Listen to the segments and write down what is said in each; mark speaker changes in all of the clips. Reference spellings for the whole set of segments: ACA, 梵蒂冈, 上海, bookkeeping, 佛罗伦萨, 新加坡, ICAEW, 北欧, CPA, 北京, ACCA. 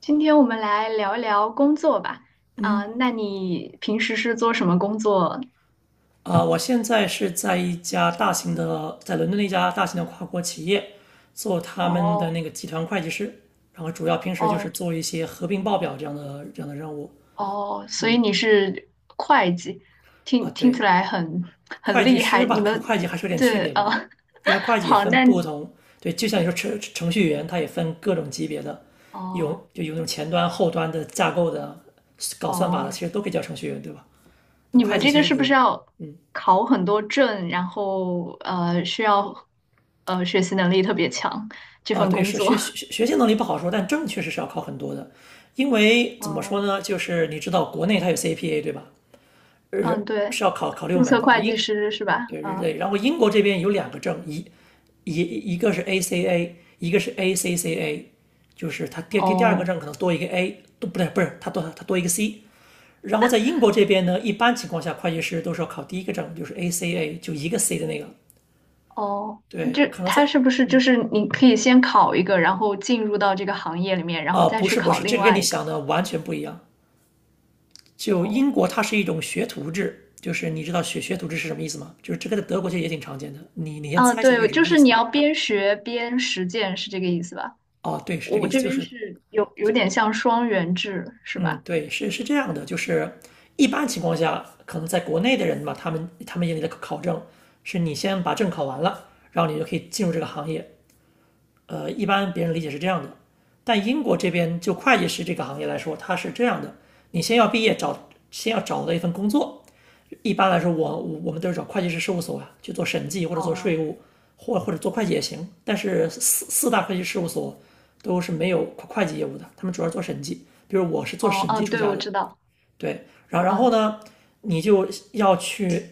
Speaker 1: 今天我们来聊一聊工作吧。啊、
Speaker 2: 嗯，
Speaker 1: 那你平时是做什么工作？
Speaker 2: 啊、我现在是在一家大型的，在伦敦的一家大型的跨国企业做他们的
Speaker 1: 哦
Speaker 2: 那个集团会计师，然后主要平时就是
Speaker 1: 哦
Speaker 2: 做一些合并报表这样的任务。
Speaker 1: 哦，所以
Speaker 2: 嗯，
Speaker 1: 你是会计，
Speaker 2: 啊，
Speaker 1: 听起
Speaker 2: 对，
Speaker 1: 来很
Speaker 2: 会计
Speaker 1: 厉
Speaker 2: 师
Speaker 1: 害。
Speaker 2: 吧，
Speaker 1: 你
Speaker 2: 和
Speaker 1: 们
Speaker 2: 会计还是有点区
Speaker 1: 这
Speaker 2: 别的吧，因为会 计也
Speaker 1: 好，
Speaker 2: 分
Speaker 1: 那
Speaker 2: 不同，对，就像你说程序员，他也分各种级别的，有
Speaker 1: 哦
Speaker 2: 就有那种前端、后端的架构的，搞算法的，
Speaker 1: 哦，
Speaker 2: 其实都可以叫程序员，对吧？那
Speaker 1: 你
Speaker 2: 会
Speaker 1: 们
Speaker 2: 计
Speaker 1: 这
Speaker 2: 其
Speaker 1: 个
Speaker 2: 实
Speaker 1: 是不
Speaker 2: 也，
Speaker 1: 是要
Speaker 2: 嗯。
Speaker 1: 考很多证，然后需要学习能力特别强这
Speaker 2: 啊，
Speaker 1: 份
Speaker 2: 对，
Speaker 1: 工
Speaker 2: 是
Speaker 1: 作？
Speaker 2: 学学 学习能力不好说，但证确实是要考很多的，因为怎么说
Speaker 1: 嗯
Speaker 2: 呢，就是你知道国内它有 CPA 对吧？
Speaker 1: 嗯，
Speaker 2: 是
Speaker 1: 对，
Speaker 2: 是要考六
Speaker 1: 注
Speaker 2: 门
Speaker 1: 册
Speaker 2: 的，
Speaker 1: 会计师是吧？
Speaker 2: 对
Speaker 1: 嗯。
Speaker 2: 对，然后英国这边有两个证，一个是 ACA，一个是 ACCA，就是它第二个
Speaker 1: 哦
Speaker 2: 证可能多一个 A，都不对，不是它多一个 C。然后在英国这边呢，一般情况下会计师都是要考第一个证，就是 ACA，就一个 C 的那个。
Speaker 1: 哦，就
Speaker 2: 对，可能在
Speaker 1: 他是不是就是你可以先考一个，然后进入到这个行业里面，然后
Speaker 2: 啊、
Speaker 1: 再
Speaker 2: 不
Speaker 1: 去
Speaker 2: 是博
Speaker 1: 考
Speaker 2: 士，
Speaker 1: 另
Speaker 2: 这个跟
Speaker 1: 外
Speaker 2: 你
Speaker 1: 一个？
Speaker 2: 想的完全不一样。就
Speaker 1: 哦，
Speaker 2: 英国它是一种学徒制，就是你知道学徒制是什么意思吗？就是这个在德国其实也挺常见的。你先
Speaker 1: 啊，
Speaker 2: 猜一下这是
Speaker 1: 对，
Speaker 2: 什
Speaker 1: 就
Speaker 2: 么意
Speaker 1: 是
Speaker 2: 思？
Speaker 1: 你要边学边实践，是这个意思吧？
Speaker 2: 哦，对，是这个
Speaker 1: 我
Speaker 2: 意思，
Speaker 1: 这
Speaker 2: 就
Speaker 1: 边
Speaker 2: 是
Speaker 1: 是有点像双元制，是
Speaker 2: 嗯，
Speaker 1: 吧？
Speaker 2: 对，是这样的，就是一般情况下，可能在国内的人吧，他们眼里的考证是你先把证考完了，然后你就可以进入这个行业。一般别人理解是这样的，但英国这边就会计师这个行业来说，它是这样的：你先要毕业找，先要找到一份工作，一般来说我们都是找会计师事务所啊去做审计或者做税
Speaker 1: 哦，
Speaker 2: 务，或者做会计也行。但是四大会计事务所都是没有会计业务的，他们主要做审计。比如我是做
Speaker 1: 哦，
Speaker 2: 审计
Speaker 1: 嗯，
Speaker 2: 出
Speaker 1: 对，
Speaker 2: 家
Speaker 1: 我
Speaker 2: 的，
Speaker 1: 知道，
Speaker 2: 对。然后
Speaker 1: 嗯，
Speaker 2: 呢，你就要去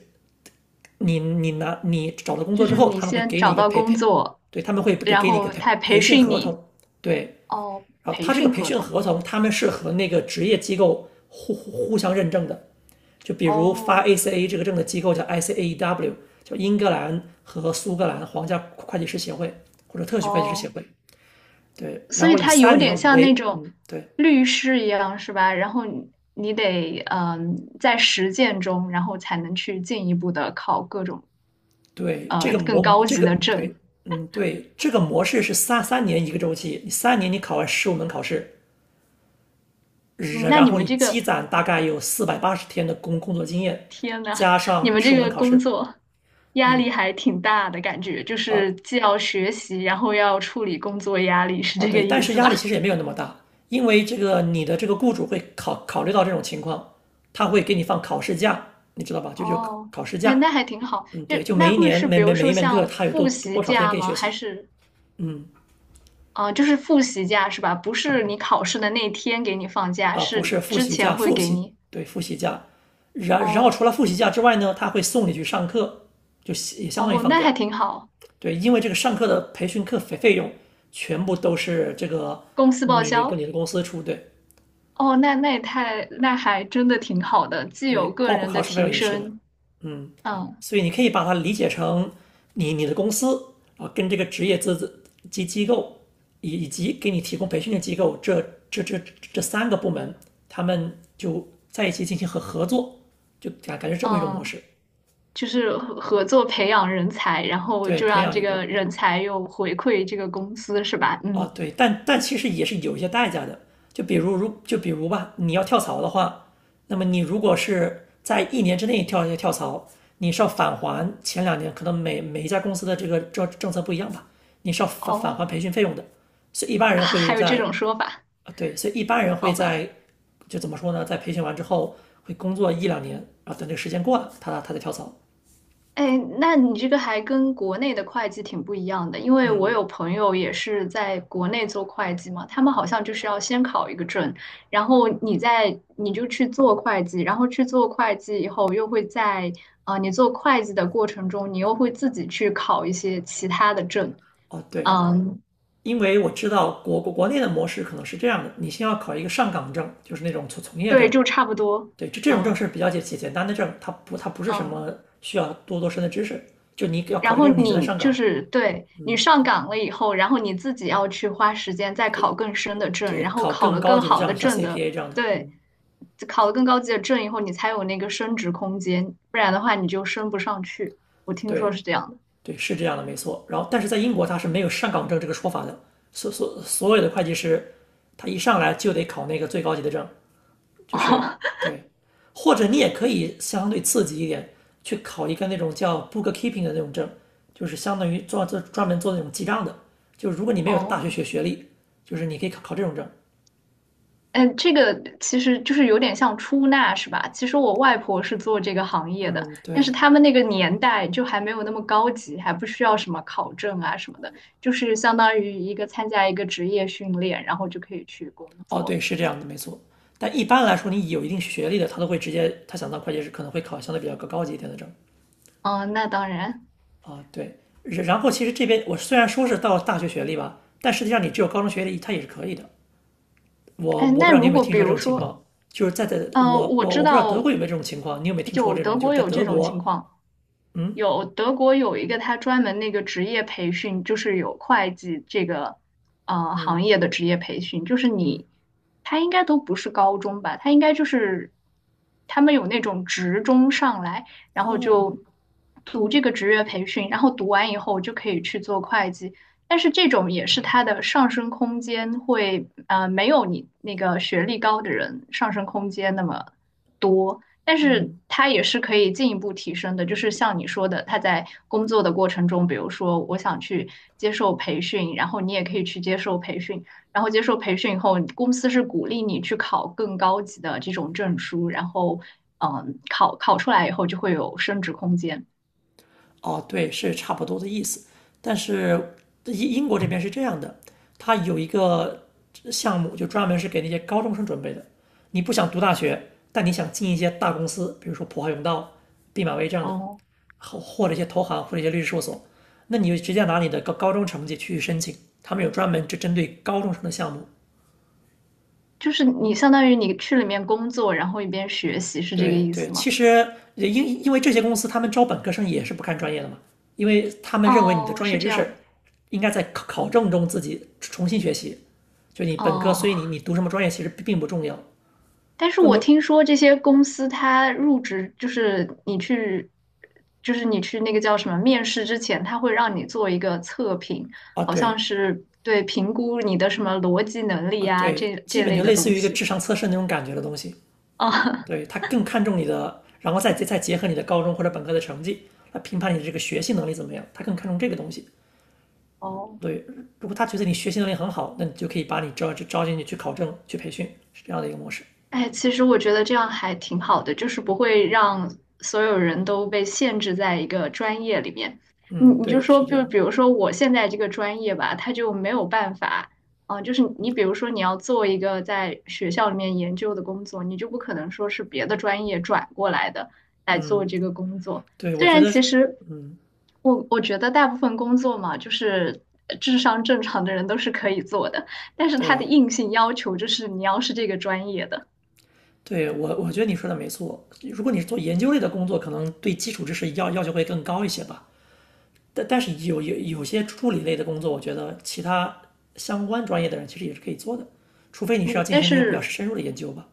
Speaker 2: 你你拿你找到工
Speaker 1: 就
Speaker 2: 作之
Speaker 1: 是
Speaker 2: 后，
Speaker 1: 你
Speaker 2: 他们会
Speaker 1: 先
Speaker 2: 给你一
Speaker 1: 找
Speaker 2: 个
Speaker 1: 到工作，
Speaker 2: 对，他们会给
Speaker 1: 然
Speaker 2: 给你一个
Speaker 1: 后
Speaker 2: 培
Speaker 1: 他
Speaker 2: 培
Speaker 1: 培
Speaker 2: 训
Speaker 1: 训
Speaker 2: 合
Speaker 1: 你，
Speaker 2: 同，对。
Speaker 1: 哦，
Speaker 2: 然后
Speaker 1: 培
Speaker 2: 他这个
Speaker 1: 训
Speaker 2: 培
Speaker 1: 合
Speaker 2: 训
Speaker 1: 同，
Speaker 2: 合同，他们是和那个职业机构互相认证的。就比如发
Speaker 1: 哦，
Speaker 2: ACA 这个证的机构叫 ICAEW，叫英格兰和苏格兰皇家会计师协会或者特许会计师协
Speaker 1: 哦
Speaker 2: 会。对，
Speaker 1: 所
Speaker 2: 然
Speaker 1: 以
Speaker 2: 后以
Speaker 1: 它有
Speaker 2: 三
Speaker 1: 点
Speaker 2: 年
Speaker 1: 像那
Speaker 2: 为，
Speaker 1: 种
Speaker 2: 嗯，对
Speaker 1: 律师一样，是吧？然后你你得嗯，在实践中，然后才能去进一步的考各种
Speaker 2: 对，这
Speaker 1: 呃
Speaker 2: 个
Speaker 1: 更
Speaker 2: 模
Speaker 1: 高
Speaker 2: 这
Speaker 1: 级
Speaker 2: 个
Speaker 1: 的
Speaker 2: 对，
Speaker 1: 证。
Speaker 2: 嗯对，这个模式是三年一个周期，你三年你考完十五门考试，
Speaker 1: 嗯，
Speaker 2: 然
Speaker 1: 那
Speaker 2: 然
Speaker 1: 你
Speaker 2: 后
Speaker 1: 们
Speaker 2: 你
Speaker 1: 这个，
Speaker 2: 积攒大概有480天的工作经验，
Speaker 1: 天呐，
Speaker 2: 加
Speaker 1: 你
Speaker 2: 上
Speaker 1: 们
Speaker 2: 十
Speaker 1: 这
Speaker 2: 五门
Speaker 1: 个
Speaker 2: 考
Speaker 1: 工
Speaker 2: 试，
Speaker 1: 作压
Speaker 2: 嗯
Speaker 1: 力还挺大的感觉，就
Speaker 2: 啊，
Speaker 1: 是既要学习，然后要处理工作压力，是
Speaker 2: 哦，
Speaker 1: 这个
Speaker 2: 对，
Speaker 1: 意
Speaker 2: 但是
Speaker 1: 思
Speaker 2: 压力其
Speaker 1: 吧？
Speaker 2: 实也没有那么大，因为这个你的这个雇主会考虑到这种情况，他会给你放考试假，你知道吧？就
Speaker 1: 哦，
Speaker 2: 考试
Speaker 1: 哎，
Speaker 2: 假，
Speaker 1: 那还挺好。
Speaker 2: 嗯，
Speaker 1: 就
Speaker 2: 对，就每
Speaker 1: 那
Speaker 2: 一
Speaker 1: 会
Speaker 2: 年
Speaker 1: 是
Speaker 2: 每
Speaker 1: 比
Speaker 2: 每
Speaker 1: 如
Speaker 2: 每
Speaker 1: 说
Speaker 2: 一门课
Speaker 1: 像
Speaker 2: 他有多
Speaker 1: 复
Speaker 2: 多
Speaker 1: 习
Speaker 2: 多少天
Speaker 1: 假
Speaker 2: 给你
Speaker 1: 吗？
Speaker 2: 学
Speaker 1: 还
Speaker 2: 习，
Speaker 1: 是？
Speaker 2: 嗯，
Speaker 1: 啊，就是复习假是吧？不是你考试的那天给你放假，
Speaker 2: 啊，不
Speaker 1: 是
Speaker 2: 是复
Speaker 1: 之
Speaker 2: 习假，
Speaker 1: 前会
Speaker 2: 复
Speaker 1: 给
Speaker 2: 习，
Speaker 1: 你。
Speaker 2: 对，复习假，然后除
Speaker 1: 哦
Speaker 2: 了复习假之外呢，他会送你去上课，就也相当于
Speaker 1: 哦，
Speaker 2: 放
Speaker 1: 那还
Speaker 2: 假，
Speaker 1: 挺好，
Speaker 2: 对，因为这个上课的培训课费用全部都是这个
Speaker 1: 公司报
Speaker 2: 你跟
Speaker 1: 销。
Speaker 2: 你的公司出，对。
Speaker 1: 哦，那那也太，那还真的挺好的，既有
Speaker 2: 对，
Speaker 1: 个
Speaker 2: 包括
Speaker 1: 人
Speaker 2: 考
Speaker 1: 的
Speaker 2: 试费用
Speaker 1: 提
Speaker 2: 也是的，
Speaker 1: 升，
Speaker 2: 嗯，
Speaker 1: 嗯
Speaker 2: 所以你可以把它理解成你的公司啊，跟这个职业资质及机构以及给你提供培训的机构，这这这三个部门，他们就在一起进行合作，就感觉这么一种模
Speaker 1: 嗯，
Speaker 2: 式，
Speaker 1: 就是合作培养人才，然后
Speaker 2: 对，
Speaker 1: 就
Speaker 2: 培
Speaker 1: 让
Speaker 2: 养
Speaker 1: 这
Speaker 2: 一
Speaker 1: 个
Speaker 2: 个
Speaker 1: 人才又回馈这个公司是吧？
Speaker 2: 啊，
Speaker 1: 嗯，
Speaker 2: 对，但其实也是有一些代价的。就比如如就比如吧，你要跳槽的话，那么你如果是在一年之内跳槽，你是要返还前两年可能每一家公司的这个政策不一样吧，你是要返还
Speaker 1: 哦
Speaker 2: 培训费用的。所以一般
Speaker 1: 啊
Speaker 2: 人会
Speaker 1: 还有这
Speaker 2: 在
Speaker 1: 种说法，
Speaker 2: 所以一般人会
Speaker 1: 好吧。
Speaker 2: 在就怎么说呢，在培训完之后会工作一两年，然后等这个时间过了，他再跳槽。
Speaker 1: 哎，那你这个还跟国内的会计挺不一样的，因为我
Speaker 2: 嗯，
Speaker 1: 有朋友也是在国内做会计嘛，他们好像就是要先考一个证，然后你再你就去做会计，然后去做会计以后又会在啊、你做会计的过程中，你又会自己去考一些其他的证，
Speaker 2: 哦对，
Speaker 1: 嗯，
Speaker 2: 因为我知道国内的模式可能是这样的，你先要考一个上岗证，就是那种从业
Speaker 1: 对，
Speaker 2: 证，
Speaker 1: 就差不多，
Speaker 2: 对，这种证
Speaker 1: 嗯
Speaker 2: 是比较简单的证，它不是什
Speaker 1: 嗯。
Speaker 2: 么需要多深的知识，就你要考
Speaker 1: 然
Speaker 2: 这个
Speaker 1: 后
Speaker 2: 证你才能
Speaker 1: 你
Speaker 2: 上
Speaker 1: 就
Speaker 2: 岗，
Speaker 1: 是对你
Speaker 2: 嗯，
Speaker 1: 上岗了以后，然后你自己要去花时间再
Speaker 2: 对
Speaker 1: 考更深的证，
Speaker 2: 对，
Speaker 1: 然后
Speaker 2: 考
Speaker 1: 考
Speaker 2: 更
Speaker 1: 了
Speaker 2: 高
Speaker 1: 更
Speaker 2: 级的
Speaker 1: 好的
Speaker 2: 证像
Speaker 1: 证的，
Speaker 2: CPA 这样的，
Speaker 1: 对，
Speaker 2: 嗯，
Speaker 1: 考了更高级的证以后，你才有那个升职空间，不然的话你就升不上去。我听说
Speaker 2: 对
Speaker 1: 是这样的。
Speaker 2: 对，是这样的没错，然后但是在英国它是没有上岗证这个说法的，所有的会计师他一上来就得考那个最高级的证，就是，
Speaker 1: 哦
Speaker 2: 对，或者你也可以相对刺激一点，去考一个那种叫 bookkeeping 的那种证，就是相当于做专门做那种记账的。就是如果你没有大学学
Speaker 1: 哦，
Speaker 2: 学历，就是你可以考这种证。
Speaker 1: 嗯，这个其实就是有点像出纳是吧？其实我外婆是做这个行业的，
Speaker 2: 嗯，
Speaker 1: 但是
Speaker 2: 对，
Speaker 1: 他们那个年代就还没有那么高级，还不需要什么考证啊什么的，就是相当于一个参加一个职业训练，然后就可以去工
Speaker 2: 哦，对，
Speaker 1: 作。
Speaker 2: 是这样的，没错。但一般来说，你有一定学历的，他都会直接，他想当会计师可能会考相对比较高级一点的证
Speaker 1: 嗯，那当然。
Speaker 2: 啊。对，然后其实这边我虽然说是到大学学历吧，但实际上你只有高中学历，他也是可以的。我
Speaker 1: 哎，
Speaker 2: 我不知
Speaker 1: 那
Speaker 2: 道你有
Speaker 1: 如
Speaker 2: 没有
Speaker 1: 果
Speaker 2: 听
Speaker 1: 比
Speaker 2: 说这
Speaker 1: 如
Speaker 2: 种情
Speaker 1: 说，
Speaker 2: 况，就是在
Speaker 1: 呃，
Speaker 2: 我
Speaker 1: 我
Speaker 2: 我
Speaker 1: 知
Speaker 2: 我不知道德国
Speaker 1: 道
Speaker 2: 有没有这种情况，你有没有听说
Speaker 1: 有
Speaker 2: 这种？
Speaker 1: 德
Speaker 2: 就是
Speaker 1: 国
Speaker 2: 在
Speaker 1: 有这
Speaker 2: 德
Speaker 1: 种情
Speaker 2: 国，
Speaker 1: 况，
Speaker 2: 嗯，
Speaker 1: 有德国有一个他专门那个职业培训，就是有会计这个呃行业的职业培训，就是你他应该都不是高中吧，他应该就是他们有那种职中上来，然后
Speaker 2: 哦
Speaker 1: 就读这个职业培训，然后读完以后就可以去做会计，但是这种也是他的上升空间会没有你那个学历高的人上升空间那么。多，但是它也是可以进一步提升的。就是像你说的，他在工作的过程中，比如说我想去接受培训，然后你也可以去接受培训，然后接受培训以后，公司是鼓励你去考更高级的这种证书，然后嗯，考出来以后就会有升值空间。
Speaker 2: 哦，对，是差不多的意思。但是英国这边是这样的，它有一个项目就专门是给那些高中生准备的。你不想读大学，但你想进一些大公司，比如说普华永道、毕马威这样的，
Speaker 1: 哦，
Speaker 2: 或者一些投行或者一些律师事务所，那你就直接拿你的高中成绩去申请，他们有专门就针对高中生的项目。
Speaker 1: 就是你相当于你去里面工作，然后一边学习，是这个
Speaker 2: 对
Speaker 1: 意
Speaker 2: 对，
Speaker 1: 思
Speaker 2: 其
Speaker 1: 吗？
Speaker 2: 实也因为这些公司他们招本科生也是不看专业的嘛，因为他们认为你的
Speaker 1: 哦，
Speaker 2: 专业
Speaker 1: 是这
Speaker 2: 知识
Speaker 1: 样。
Speaker 2: 应该在考证中自己重新学习，就你本科，
Speaker 1: 哦，
Speaker 2: 所以你读什么专业其实并不重要，
Speaker 1: 但是
Speaker 2: 更
Speaker 1: 我
Speaker 2: 多，
Speaker 1: 听说这些公司，它入职就是你去，就是你去那个叫什么面试之前，它会让你做一个测评，
Speaker 2: 啊
Speaker 1: 好
Speaker 2: 对
Speaker 1: 像是对评估你的什么逻辑能力
Speaker 2: 啊
Speaker 1: 啊，
Speaker 2: 对，
Speaker 1: 这
Speaker 2: 基
Speaker 1: 这
Speaker 2: 本就
Speaker 1: 类的
Speaker 2: 类似
Speaker 1: 东
Speaker 2: 于一个智
Speaker 1: 西。
Speaker 2: 商测试那种感觉的东西，
Speaker 1: 啊，
Speaker 2: 对，他更看重你的，然后再结合你的高中或者本科的成绩来评判你的这个学习能力怎么样，他更看重这个东西。
Speaker 1: 哦，
Speaker 2: 对，如果他觉得你学习能力很好，那你就可以把你招进去去考证、去培训，是这样的一个模式。
Speaker 1: 哎，其实我觉得这样还挺好的，就是不会让所有人都被限制在一个专业里面。你
Speaker 2: 嗯，
Speaker 1: 你就
Speaker 2: 对，
Speaker 1: 说，
Speaker 2: 是这
Speaker 1: 就
Speaker 2: 样的。
Speaker 1: 比如说我现在这个专业吧，它就没有办法，啊、就是你比如说你要做一个在学校里面研究的工作，你就不可能说是别的专业转过来的来做
Speaker 2: 嗯，
Speaker 1: 这个工作。
Speaker 2: 对，我
Speaker 1: 虽
Speaker 2: 觉
Speaker 1: 然
Speaker 2: 得
Speaker 1: 其
Speaker 2: 是，
Speaker 1: 实
Speaker 2: 嗯，
Speaker 1: 我我觉得大部分工作嘛，就是智商正常的人都是可以做的，但是它的
Speaker 2: 对，
Speaker 1: 硬性要求就是你要是这个专业的。
Speaker 2: 对我觉得你说的没错。如果你是做研究类的工作，可能对基础知识要求会更高一些吧。但是有有有
Speaker 1: 嗯，
Speaker 2: 些助理类的工作，我觉得其他相关专业的人其实也是可以做的，除非你是要进
Speaker 1: 但
Speaker 2: 行那些比较
Speaker 1: 是
Speaker 2: 深入的研究吧。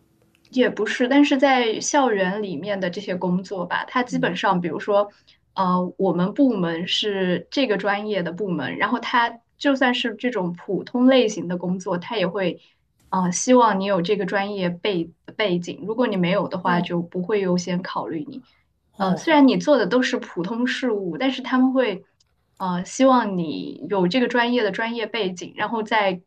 Speaker 1: 也不是，但是在校园里面的这些工作吧，它基本上，比如说，呃，我们部门是这个专业的部门，然后它就算是这种普通类型的工作，它也会，呃，希望你有这个专业背景，如果你没有的话，
Speaker 2: 哦
Speaker 1: 就不会优先考虑你。呃，
Speaker 2: 哦，
Speaker 1: 虽
Speaker 2: 好
Speaker 1: 然
Speaker 2: 吧。
Speaker 1: 你做的都是普通事务，但是他们会。呃，希望你有这个专业的专业背景，然后在，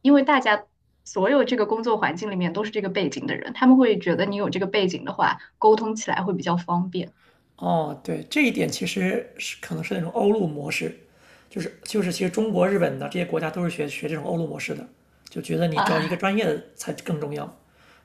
Speaker 1: 因为大家所有这个工作环境里面都是这个背景的人，他们会觉得你有这个背景的话，沟通起来会比较方便
Speaker 2: 哦，对，这一点其实是可能是那种欧陆模式，就是其实中国、日本的这些国家都是学这种欧陆模式的，就觉得你找一个
Speaker 1: 啊
Speaker 2: 专业的才更重要。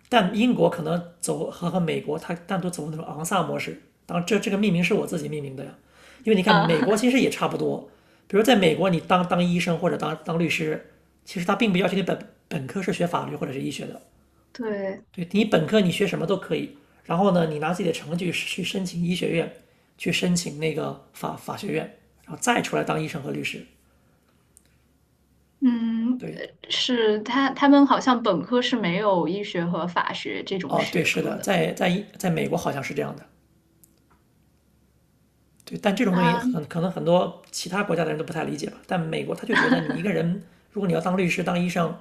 Speaker 2: 但英国可能走和美国，它单独走那种昂萨模式。当然这个命名是我自己命名的呀，因为你看美国
Speaker 1: 啊，
Speaker 2: 其实也差不多，比如在美国你当医生或者当律师，其实他并不要求你本科是学法律或者是医学的，
Speaker 1: 对，
Speaker 2: 对你本科你学什么都可以，然后呢，你拿自己的成绩去申请医学院，去申请那个法学院，然后再出来当医生和律师。
Speaker 1: 嗯，
Speaker 2: 对，
Speaker 1: 是他他们好像本科是没有医学和法学这种
Speaker 2: 哦，对，
Speaker 1: 学
Speaker 2: 是
Speaker 1: 科
Speaker 2: 的，
Speaker 1: 的
Speaker 2: 在美国好像是这样的。对，但这种东西
Speaker 1: 啊，
Speaker 2: 很可能很多其他国家的人都不太理解吧。但美国他就觉得你一个人，如果你要当律师、当医生，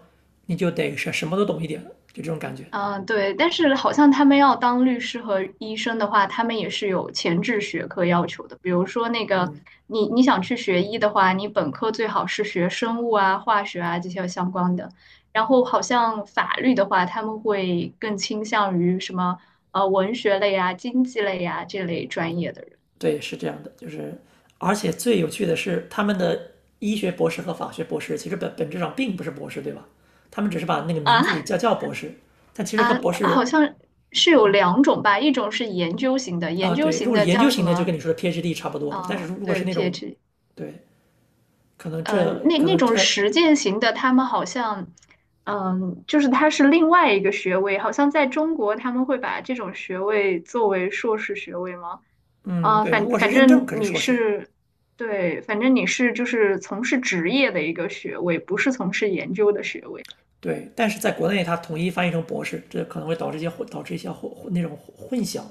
Speaker 2: 你就得是什么都懂一点，就这种感觉。
Speaker 1: 嗯，对，但是好像他们要当律师和医生的话，他们也是有前置学科要求的。比如说那个，你你想去学医的话，你本科最好是学生物啊、化学啊这些相关的。然后好像法律的话，他们会更倾向于什么文学类啊、经济类啊这类专业的人
Speaker 2: 对，是这样的，就是而且最有趣的是，他们的医学博士和法学博士其实本质上并不是博士，对吧？他们只是把那个名字里
Speaker 1: 啊
Speaker 2: 叫博士，但其实和
Speaker 1: 啊，
Speaker 2: 博
Speaker 1: 好
Speaker 2: 士
Speaker 1: 像是有两种吧，一种是研究型的，研
Speaker 2: 啊，
Speaker 1: 究
Speaker 2: 对，如
Speaker 1: 型
Speaker 2: 果是
Speaker 1: 的
Speaker 2: 研
Speaker 1: 叫
Speaker 2: 究
Speaker 1: 什
Speaker 2: 型的，就跟
Speaker 1: 么？
Speaker 2: 你说的 PhD 差不多的，但是
Speaker 1: 啊、
Speaker 2: 如果是
Speaker 1: 对
Speaker 2: 那种，
Speaker 1: ，PhD。
Speaker 2: 对，可能
Speaker 1: 嗯，
Speaker 2: 这
Speaker 1: 那
Speaker 2: 可
Speaker 1: 那
Speaker 2: 能
Speaker 1: 种
Speaker 2: 这，
Speaker 1: 实践型的，他们好像，嗯，就是它是另外一个学位，好像在中国他们会把这种学位作为硕士学位吗？
Speaker 2: 嗯，
Speaker 1: 啊、
Speaker 2: 对，如
Speaker 1: 反
Speaker 2: 果是
Speaker 1: 反
Speaker 2: 认证，可
Speaker 1: 正
Speaker 2: 是
Speaker 1: 你
Speaker 2: 硕士，
Speaker 1: 是，对，反正你是就是从事职业的一个学位，不是从事研究的学位。
Speaker 2: 对，但是在国内它统一翻译成博士，这可能会导致一些导致一些那种混淆，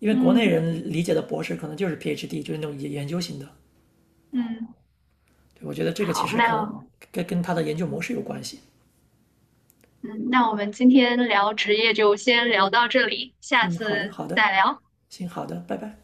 Speaker 2: 因为国内
Speaker 1: 嗯
Speaker 2: 人理解的博士可能就是 PhD，就是那种研究型的。
Speaker 1: 嗯，
Speaker 2: 对，我觉得这个其
Speaker 1: 好，
Speaker 2: 实可能
Speaker 1: 那
Speaker 2: 跟他的研究模式有关系。
Speaker 1: 嗯，那我们今天聊职业就先聊到这里，下
Speaker 2: 嗯，好的，
Speaker 1: 次
Speaker 2: 好的，
Speaker 1: 再聊。
Speaker 2: 行，好的，拜拜。